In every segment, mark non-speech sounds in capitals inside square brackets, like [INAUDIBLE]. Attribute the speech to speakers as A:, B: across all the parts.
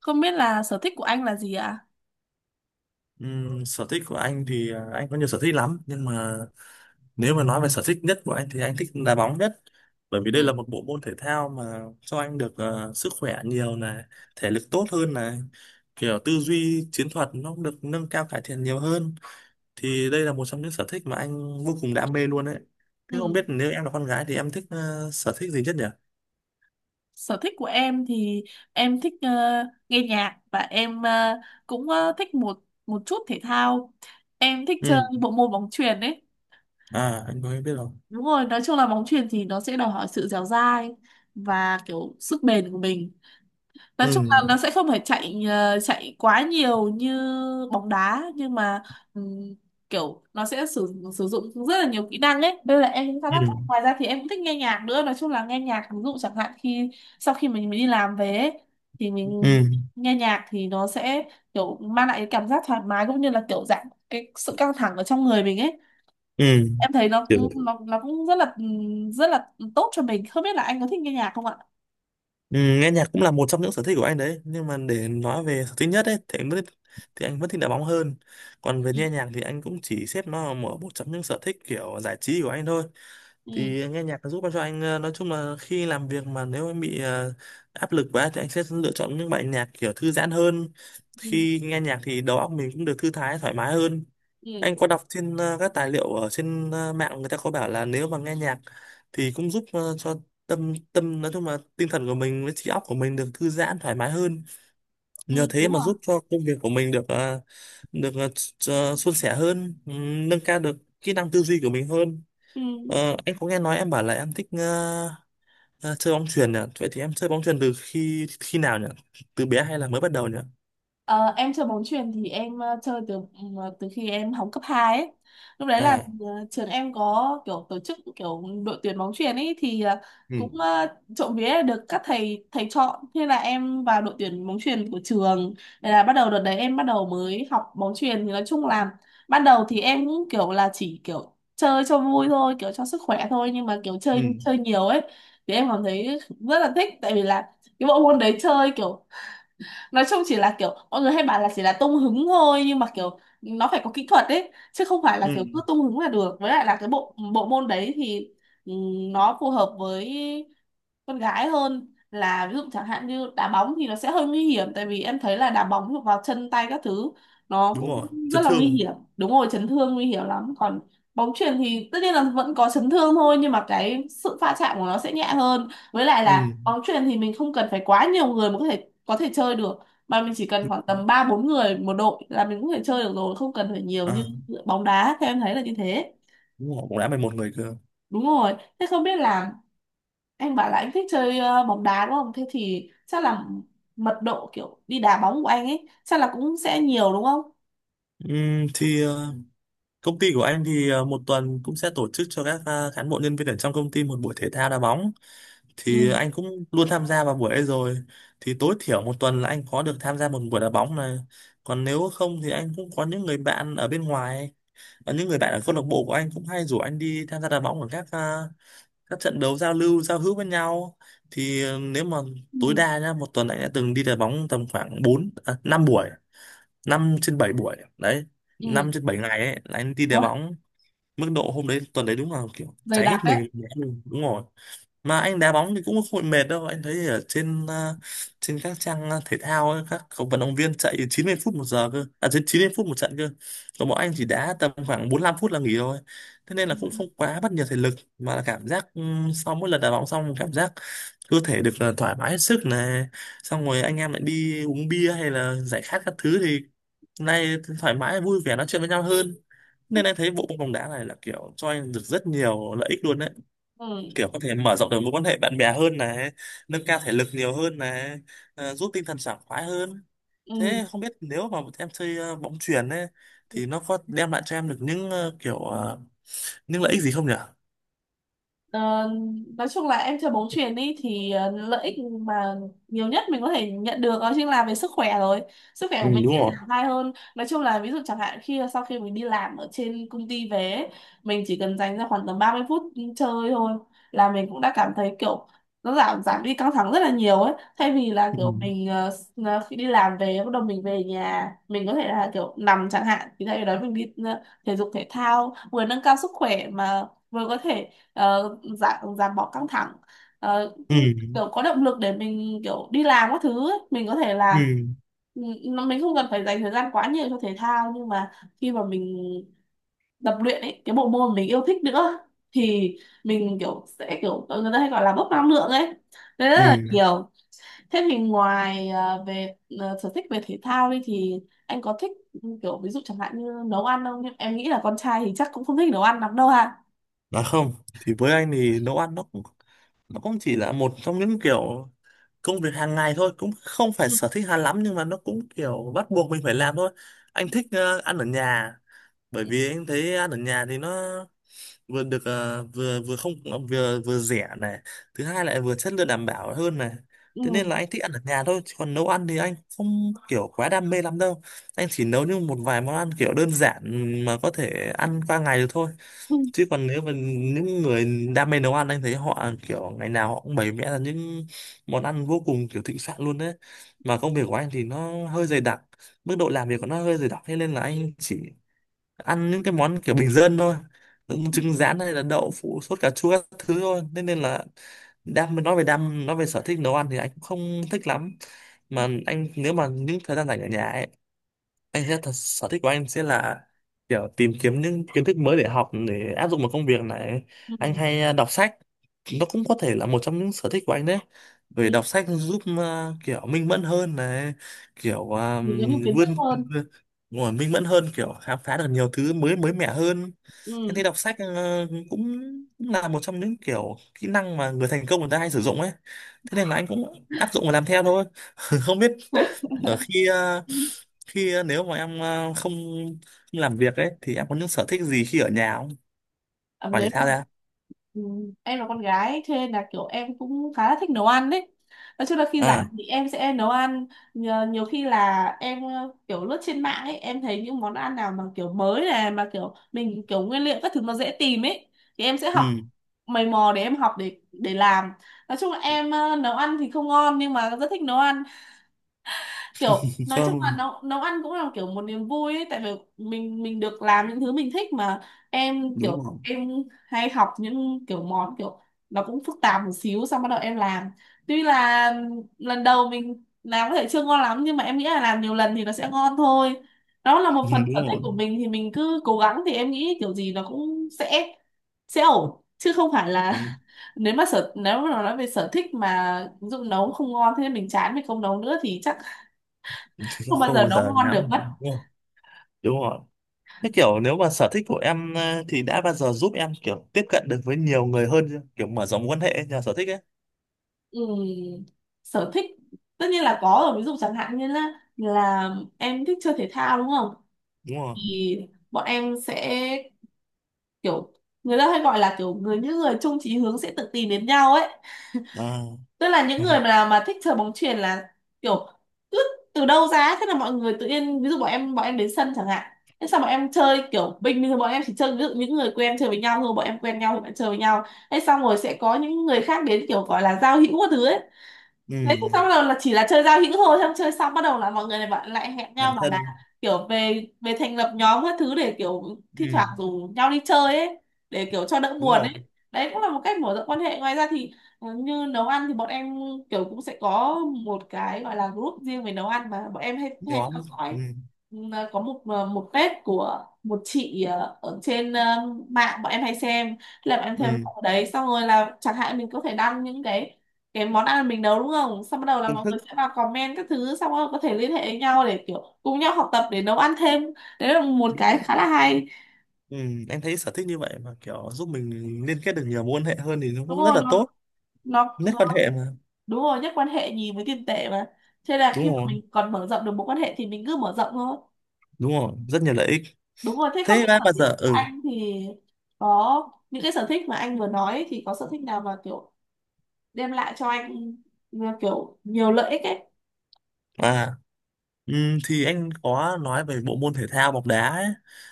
A: Không biết là sở thích của anh là gì ạ?
B: Sở thích của anh thì anh có nhiều sở thích lắm, nhưng mà nếu mà nói về sở thích nhất của anh thì anh thích đá bóng nhất, bởi vì
A: Ừ.
B: đây là một bộ môn thể thao mà cho anh được sức khỏe nhiều này, thể lực tốt hơn này, kiểu tư duy chiến thuật nó cũng được nâng cao cải thiện nhiều hơn. Thì đây là một trong những sở thích mà anh vô cùng đam mê luôn đấy. Thế không
A: Ừ.
B: biết nếu em là con gái thì em thích sở thích gì nhất nhỉ?
A: Sở thích của em thì em thích nghe nhạc và em cũng thích một một chút thể thao. Em thích
B: Ừ.
A: chơi bộ môn bóng chuyền ấy.
B: À, anh có biết không?
A: Đúng rồi, nói chung là bóng chuyền thì nó sẽ đòi hỏi sự dẻo dai và kiểu sức bền của mình. Nói chung là
B: Ừ.
A: nó sẽ không phải chạy chạy quá nhiều như bóng đá, nhưng mà ừm, kiểu nó sẽ sử sử dụng rất là nhiều kỹ năng ấy. Đây là em cũng khá
B: Ừ.
A: là thích. Ngoài ra thì em cũng thích nghe nhạc nữa, nói chung là nghe nhạc, ví dụ chẳng hạn khi sau khi mình đi làm về ấy, thì
B: Ừ.
A: mình nghe nhạc thì nó sẽ kiểu mang lại cái cảm giác thoải mái cũng như là kiểu giảm cái sự căng thẳng ở trong người mình ấy. Em thấy nó
B: Ừ.
A: cũng nó cũng rất là tốt cho mình. Không biết là anh có thích nghe nhạc không ạ?
B: Ừ, nghe nhạc cũng là một trong những sở thích của anh đấy, nhưng mà để nói về sở thích nhất ấy thì anh vẫn, thì anh vẫn thích đá bóng hơn. Còn về
A: Ừ.
B: nghe nhạc thì anh cũng chỉ xếp nó là một trong những sở thích kiểu giải trí của anh thôi.
A: Ừ.
B: Thì nghe nhạc nó giúp cho anh, nói chung là khi làm việc mà nếu em bị áp lực quá thì anh sẽ lựa chọn những bài nhạc kiểu thư giãn hơn.
A: Ừ.
B: Khi nghe nhạc thì đầu óc mình cũng được thư thái thoải mái hơn.
A: Ừ,
B: Anh có đọc trên các tài liệu ở trên mạng, người ta có bảo là nếu mà nghe nhạc thì cũng giúp cho tâm tâm, nói chung là tinh thần của mình với trí óc của mình được thư giãn thoải mái hơn,
A: ừ,
B: nhờ thế
A: đúng
B: mà
A: rồi.
B: giúp cho công việc của mình được được suôn sẻ hơn, nâng cao được kỹ năng tư duy của mình hơn.
A: Ừ.
B: Em có nghe nói em bảo là em thích ờ, chơi bóng chuyền nhỉ? Vậy thì em chơi bóng chuyền từ khi khi nào nhỉ? Từ bé hay là mới bắt đầu nhỉ?
A: Ờ, em chơi bóng chuyền thì em chơi từ từ khi em học cấp 2 ấy. Lúc đấy là
B: À.
A: trường em có kiểu tổ chức kiểu đội tuyển bóng chuyền ấy, thì
B: Ừ.
A: cũng trộm vía là được các thầy thầy chọn, thế là em vào đội tuyển bóng chuyền của trường. Thế là bắt đầu đợt đấy em bắt đầu mới học bóng chuyền, thì nói chung là ban đầu thì em cũng kiểu là chỉ kiểu chơi cho vui thôi, kiểu cho sức khỏe thôi, nhưng mà kiểu
B: Ừ.
A: chơi chơi nhiều ấy thì em cảm thấy rất là thích, tại vì là cái bộ môn đấy chơi kiểu nói chung chỉ là kiểu mọi người hay bảo là chỉ là tung hứng thôi, nhưng mà kiểu nó phải có kỹ thuật đấy, chứ không phải là
B: Ừ,
A: kiểu cứ tung hứng là được. Với lại là cái bộ bộ môn đấy thì nó phù hợp với con gái hơn, là ví dụ chẳng hạn như đá bóng thì nó sẽ hơi nguy hiểm, tại vì em thấy là đá bóng vào chân tay các thứ nó
B: đúng
A: cũng
B: rồi,
A: rất
B: chấn
A: là nguy
B: thương.
A: hiểm. Đúng rồi, chấn thương nguy hiểm lắm, còn bóng chuyền thì tất nhiên là vẫn có chấn thương thôi, nhưng mà cái sự va chạm của nó sẽ nhẹ hơn. Với lại là
B: Ừ.
A: bóng chuyền thì mình không cần phải quá nhiều người mà có thể chơi được, mà mình chỉ cần khoảng tầm ba bốn người một đội là mình cũng có thể chơi được rồi, không cần phải nhiều như
B: À,
A: bóng đá, theo em thấy là như thế.
B: đúng rồi, cũng đã 11 người cơ.
A: Đúng rồi, thế không biết là anh bảo là anh thích chơi bóng đá đúng không? Thế thì chắc là mật độ kiểu đi đá bóng của anh ấy chắc là cũng sẽ nhiều đúng không?
B: Thì công ty của anh thì một tuần cũng sẽ tổ chức cho các cán bộ nhân viên ở trong công ty một buổi thể thao đá bóng.
A: Ừ.
B: Thì anh cũng luôn tham gia vào buổi ấy rồi. Thì tối thiểu một tuần là anh có được tham gia một buổi đá bóng này, còn nếu không thì anh cũng có những người bạn ở bên ngoài và những người bạn ở câu lạc bộ của anh cũng hay rủ anh đi tham gia đá bóng ở các các trận đấu giao lưu giao hữu với nhau. Thì nếu mà tối
A: Ừ.
B: đa nhá, một tuần anh đã từng đi đá bóng tầm khoảng 5 buổi, 5 trên 7 buổi đấy,
A: Ừ.
B: năm trên 7 ngày ấy là anh đi đá bóng. Mức độ hôm đấy tuần đấy đúng là kiểu cháy hết mình luôn, đúng rồi. Mà anh đá bóng thì cũng không bị mệt đâu. Anh thấy ở trên trên các trang thể thao ấy, các cầu vận động viên chạy 90 phút một giờ cơ, à trên 90 phút một trận cơ, còn bọn anh chỉ đá tầm khoảng 45 phút là nghỉ rồi, thế nên là
A: Ừ.
B: cũng không quá mất nhiều thể lực, mà là cảm giác sau mỗi lần đá bóng xong cảm giác cơ thể được là thoải mái hết sức này. Xong rồi anh em lại đi uống bia hay là giải khát các thứ thì nay thoải mái vui vẻ nói chuyện với nhau hơn. Nên anh thấy bộ môn bóng đá này là kiểu cho anh được rất nhiều lợi ích luôn đấy,
A: Ừ.
B: kiểu có thể mở rộng được mối quan hệ bạn bè hơn này, nâng cao thể lực nhiều hơn này, giúp tinh thần sảng khoái hơn.
A: Ừ.
B: Thế không biết nếu mà em chơi bóng chuyền ấy, thì nó có đem lại cho em được những những lợi ích gì không nhỉ?
A: Ờ, nói chung là em chơi bóng chuyền đi thì lợi ích mà nhiều nhất mình có thể nhận được đó chính là về sức khỏe rồi. Sức khỏe
B: Ừ,
A: của mình
B: đúng
A: sẽ
B: rồi.
A: thoải mái hơn, nói chung là ví dụ chẳng hạn khi sau khi mình đi làm ở trên công ty về ấy, mình chỉ cần dành ra khoảng tầm 30 phút chơi thôi là mình cũng đã cảm thấy kiểu nó giảm giảm đi căng thẳng rất là nhiều ấy, thay vì là
B: Ừ.
A: kiểu mình khi đi làm về bắt đầu mình về nhà mình có thể là kiểu nằm chẳng hạn, thì thay vì đó mình đi thể dục thể thao vừa nâng cao sức khỏe, mà vừa có thể giảm giảm bỏ căng thẳng, ờ,
B: Ừ.
A: kiểu có động lực để mình kiểu đi làm các thứ ấy. Mình có thể là
B: Ừ.
A: mình không cần phải dành thời gian quá nhiều cho thể thao, nhưng mà khi mà mình tập luyện ấy cái bộ môn mình yêu thích nữa thì mình kiểu sẽ kiểu người ta hay gọi là bốc năng lượng ấy, đấy rất là
B: Ừ.
A: nhiều. Thế thì ngoài về sở thích về thể thao đi thì anh có thích kiểu ví dụ chẳng hạn như nấu ăn không? Em nghĩ là con trai thì chắc cũng không thích nấu ăn lắm đâu ha.
B: Nói không, thì với anh thì nấu ăn nó cũng, nó cũng chỉ là một trong những kiểu công việc hàng ngày thôi, cũng không phải
A: Ừ.
B: sở thích hay lắm, nhưng mà nó cũng kiểu bắt buộc mình phải làm thôi. Anh thích ăn ở nhà, bởi vì em thấy ăn ở nhà thì nó vừa được ờ, vừa vừa không, vừa vừa rẻ này, thứ hai lại vừa chất lượng đảm bảo hơn này,
A: Ừ.
B: thế nên là anh thích ăn ở nhà thôi. Chứ còn nấu ăn thì anh không kiểu quá đam mê lắm đâu, anh chỉ nấu như một vài món ăn kiểu đơn giản mà có thể ăn qua ngày được thôi.
A: Ừ.
B: Chứ còn nếu mà những người đam mê nấu ăn, anh thấy họ kiểu ngày nào họ cũng bày vẽ ra những món ăn vô cùng kiểu thịnh soạn luôn đấy. Mà công việc của anh thì nó hơi dày đặc, mức độ làm việc của nó hơi dày đặc, thế nên là anh chỉ ăn những cái món kiểu bình dân thôi, những trứng rán hay là đậu phụ sốt cà chua các thứ thôi. Thế nên là đam nói về sở thích nấu ăn thì anh cũng không thích lắm. Mà anh, nếu mà những thời gian rảnh ở nhà ấy, anh sẽ thật, sở thích của anh sẽ là kiểu tìm kiếm những kiến thức mới để học, để áp dụng vào công việc này.
A: Ừ.
B: Anh hay đọc sách. Nó cũng có thể là một trong những sở thích của anh đấy. Bởi
A: Ừ,
B: đọc sách giúp kiểu minh mẫn hơn này, kiểu
A: mình có nhiều kiến thức
B: vươn
A: hơn.
B: ngồi minh mẫn hơn, kiểu khám phá được nhiều thứ mới mới mẻ hơn. Anh
A: Ừ.
B: thấy đọc sách cũng, cũng là một trong những kiểu kỹ năng mà người thành công người ta hay sử dụng ấy. Thế nên là anh cũng áp dụng và làm theo thôi. [LAUGHS] Không biết ở khi à, khi ờ, nếu mà em không làm việc ấy thì em có những sở thích gì khi ở nhà không,
A: Ờ,
B: ngoài
A: Nếu
B: thể
A: mà.
B: thao ra?
A: Ừ. Em là con gái ấy, cho nên là kiểu em cũng khá là thích nấu ăn đấy. Nói chung là khi
B: À.
A: rảnh thì em sẽ nấu ăn nhiều, nhiều khi là em kiểu lướt trên mạng ấy, em thấy những món ăn nào mà kiểu mới này, mà kiểu mình kiểu nguyên liệu các thứ nó dễ tìm ấy, thì em sẽ
B: Ừ.
A: học, mày mò để em học để làm. Nói chung là em nấu ăn thì không ngon nhưng mà rất thích nấu ăn. Kiểu
B: [LAUGHS]
A: nói chung là
B: Không.
A: nấu nấu ăn cũng là kiểu một niềm vui ấy, tại vì mình được làm những thứ mình thích mà. Em
B: Đúng
A: kiểu
B: rồi.
A: em hay học những kiểu món kiểu nó cũng phức tạp một xíu, xong bắt đầu em làm, tuy là lần đầu mình làm có thể chưa ngon lắm nhưng mà em nghĩ là làm nhiều lần thì nó sẽ ngon thôi. Đó là một
B: Ừ,
A: phần
B: đúng
A: sở thích
B: rồi.
A: của mình thì mình cứ cố gắng, thì em nghĩ kiểu gì nó cũng sẽ ổn, chứ không phải là
B: Đúng.
A: [LAUGHS] nếu mà nói về sở thích mà ví dụ nấu không ngon thế nên mình chán mình không nấu nữa thì chắc
B: Thì
A: không bao
B: không
A: giờ
B: bao
A: nó
B: giờ
A: ngon được
B: dám.
A: mất.
B: Đúng rồi. Đúng rồi. Thế kiểu nếu mà sở thích của em thì đã bao giờ giúp em kiểu tiếp cận được với nhiều người hơn chưa, kiểu mở rộng quan hệ nhờ sở thích ấy?
A: Ừm, sở thích tất nhiên là có rồi, ví dụ chẳng hạn như là em thích chơi thể thao đúng không,
B: Đúng rồi.
A: thì bọn em sẽ kiểu người ta hay gọi là kiểu người những người chung chí hướng sẽ tự tìm đến nhau ấy,
B: À.
A: tức là những
B: [LAUGHS]
A: người mà thích chơi bóng chuyền là kiểu cứ từ đâu ra ấy, thế là mọi người tự nhiên, ví dụ bọn em đến sân chẳng hạn, thế sao bọn em chơi kiểu bình thường bọn em chỉ chơi, ví dụ những người quen chơi với nhau thôi, bọn em quen nhau thì bọn em chơi với nhau. Thế xong rồi sẽ có những người khác đến kiểu gọi là giao hữu các thứ ấy,
B: Ừ.
A: đấy xong bắt đầu là chỉ là chơi giao hữu thôi, xong chơi xong bắt đầu là mọi người này bạn lại hẹn
B: Làm
A: nhau mà là
B: thân.
A: kiểu về về thành lập nhóm các thứ để kiểu thi
B: Ừ.
A: thoảng rủ nhau đi chơi ấy, để kiểu cho đỡ
B: Đúng
A: buồn
B: rồi.
A: ấy. Đấy cũng là một cách mở rộng quan hệ. Ngoài ra thì như nấu ăn thì bọn em kiểu cũng sẽ có một cái gọi là group riêng về nấu ăn mà bọn em hay hay
B: Nhóm.
A: theo
B: Ừ.
A: dõi. Có một một page của một chị ở trên mạng bọn em hay xem, là bọn em theo
B: Ừ.
A: dõi ở đấy, xong rồi là chẳng hạn mình có thể đăng những cái món ăn mình nấu đúng không, xong bắt đầu là
B: Công
A: mọi
B: thức.
A: người sẽ vào comment các thứ, xong rồi có thể liên hệ với nhau để kiểu cùng nhau học tập để nấu ăn thêm. Đấy là một
B: Đúng
A: cái
B: rồi.
A: khá là hay.
B: Ừ, em thấy sở thích như vậy mà kiểu giúp mình liên kết được nhiều mối quan hệ hơn thì nó
A: Đúng
B: cũng rất
A: rồi,
B: là
A: nó,
B: tốt.
A: nó,
B: Nét quan
A: nó
B: hệ mà.
A: Đúng rồi, nhất quan hệ nhì với tiền tệ mà, thế là
B: Đúng
A: khi mà
B: rồi.
A: mình còn mở rộng được mối quan hệ thì mình cứ mở rộng thôi.
B: Đúng rồi, rất nhiều lợi ích.
A: Đúng rồi, thế không
B: Thế
A: biết
B: bác
A: sở
B: bao
A: thích
B: giờ.
A: của
B: Ừ.
A: anh thì có những cái sở thích mà anh vừa nói ấy, thì có sở thích nào mà kiểu đem lại cho anh là kiểu nhiều lợi ích ấy?
B: À. Ừ, thì anh có nói về bộ môn thể thao bóng đá ấy,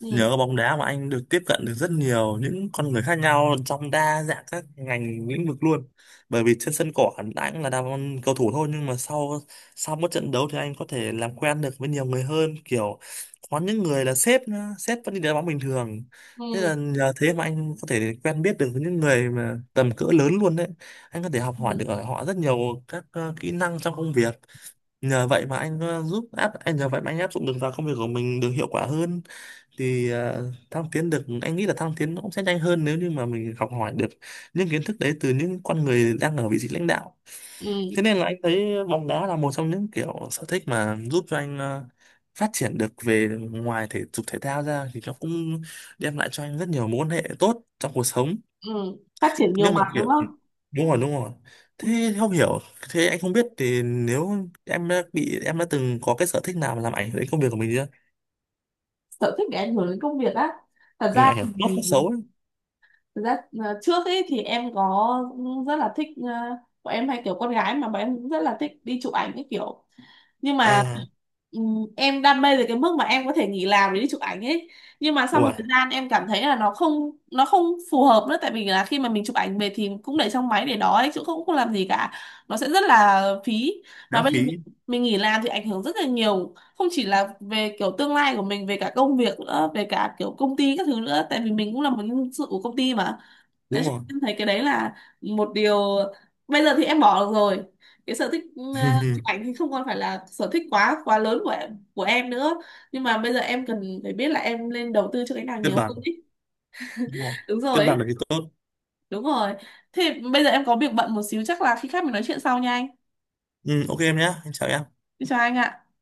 A: Ừ.
B: nhờ bóng đá mà anh được tiếp cận được rất nhiều những con người khác nhau trong đa dạng các ngành lĩnh vực luôn. Bởi vì trên sân cỏ anh cũng là đam, cầu thủ thôi, nhưng mà sau, sau mỗi trận đấu thì anh có thể làm quen được với nhiều người hơn, kiểu có những người là sếp nữa, sếp vẫn đi đá bóng bình thường.
A: Ừ.
B: Thế là nhờ thế mà anh có thể quen biết được với những người mà tầm cỡ lớn luôn đấy. Anh có thể học hỏi
A: Ừ.
B: được ở họ rất nhiều các kỹ năng trong công việc. Nhờ vậy mà anh áp dụng được vào công việc của mình được hiệu quả hơn. Thì ờ, thăng tiến được anh nghĩ là thăng tiến nó cũng sẽ nhanh hơn nếu như mà mình học hỏi được những kiến thức đấy từ những con người đang ở vị trí lãnh đạo.
A: Ừ.
B: Thế nên là anh thấy bóng đá là một trong những kiểu sở thích mà giúp cho anh phát triển được, về ngoài thể dục thể thao ra thì nó cũng đem lại cho anh rất nhiều mối quan hệ tốt trong cuộc sống.
A: Ừ, phát triển nhiều
B: Nhưng mà
A: mặt đúng
B: kiểu,
A: không?
B: đúng rồi, đúng rồi.
A: Ừ.
B: Thế không hiểu, thế anh không biết thì nếu em đã bị, em đã từng có cái sở thích nào mà làm ảnh hưởng đến công việc của mình chưa?
A: Sở thích để ảnh hưởng đến công việc á? thật
B: Ừ,
A: ra
B: Ảnh hưởng tốt
A: thì
B: hay xấu ấy?
A: thật ra trước ấy thì em có ừ, rất là thích bọn em hay kiểu con gái mà, bọn em cũng rất là thích đi chụp ảnh cái kiểu, nhưng mà
B: À.
A: em đam mê tới cái mức mà em có thể nghỉ làm để đi chụp ảnh ấy. Nhưng mà sau một
B: Ủa.
A: thời gian em cảm thấy là nó không, nó không phù hợp nữa, tại vì là khi mà mình chụp ảnh về thì cũng để trong máy để đó ấy chứ cũng không làm gì cả, nó sẽ rất là phí. Mà
B: Náo
A: bây giờ mình
B: khí.
A: nghỉ làm thì ảnh hưởng rất là nhiều, không chỉ là về kiểu tương lai của mình về cả công việc nữa về cả kiểu công ty các thứ nữa, tại vì mình cũng là một nhân sự của công ty mà. Đấy,
B: Đúng
A: cho
B: rồi.
A: nên em thấy cái đấy là một điều. Bây giờ thì em bỏ được rồi, cái sở thích chụp ảnh
B: [LAUGHS]
A: thì không còn phải là sở thích quá quá lớn của em nữa, nhưng mà bây giờ em cần phải biết là em nên đầu tư cho cái nào nhiều
B: Cân
A: hơn
B: bằng.
A: ý.
B: Đúng rồi,
A: Đúng rồi
B: cân
A: ấy.
B: bằng là cái tốt.
A: Đúng rồi, thế bây giờ em có việc bận một xíu, chắc là khi khác mình nói chuyện sau nha anh.
B: Ừ, ok em nhé, em chào em.
A: Chào anh ạ.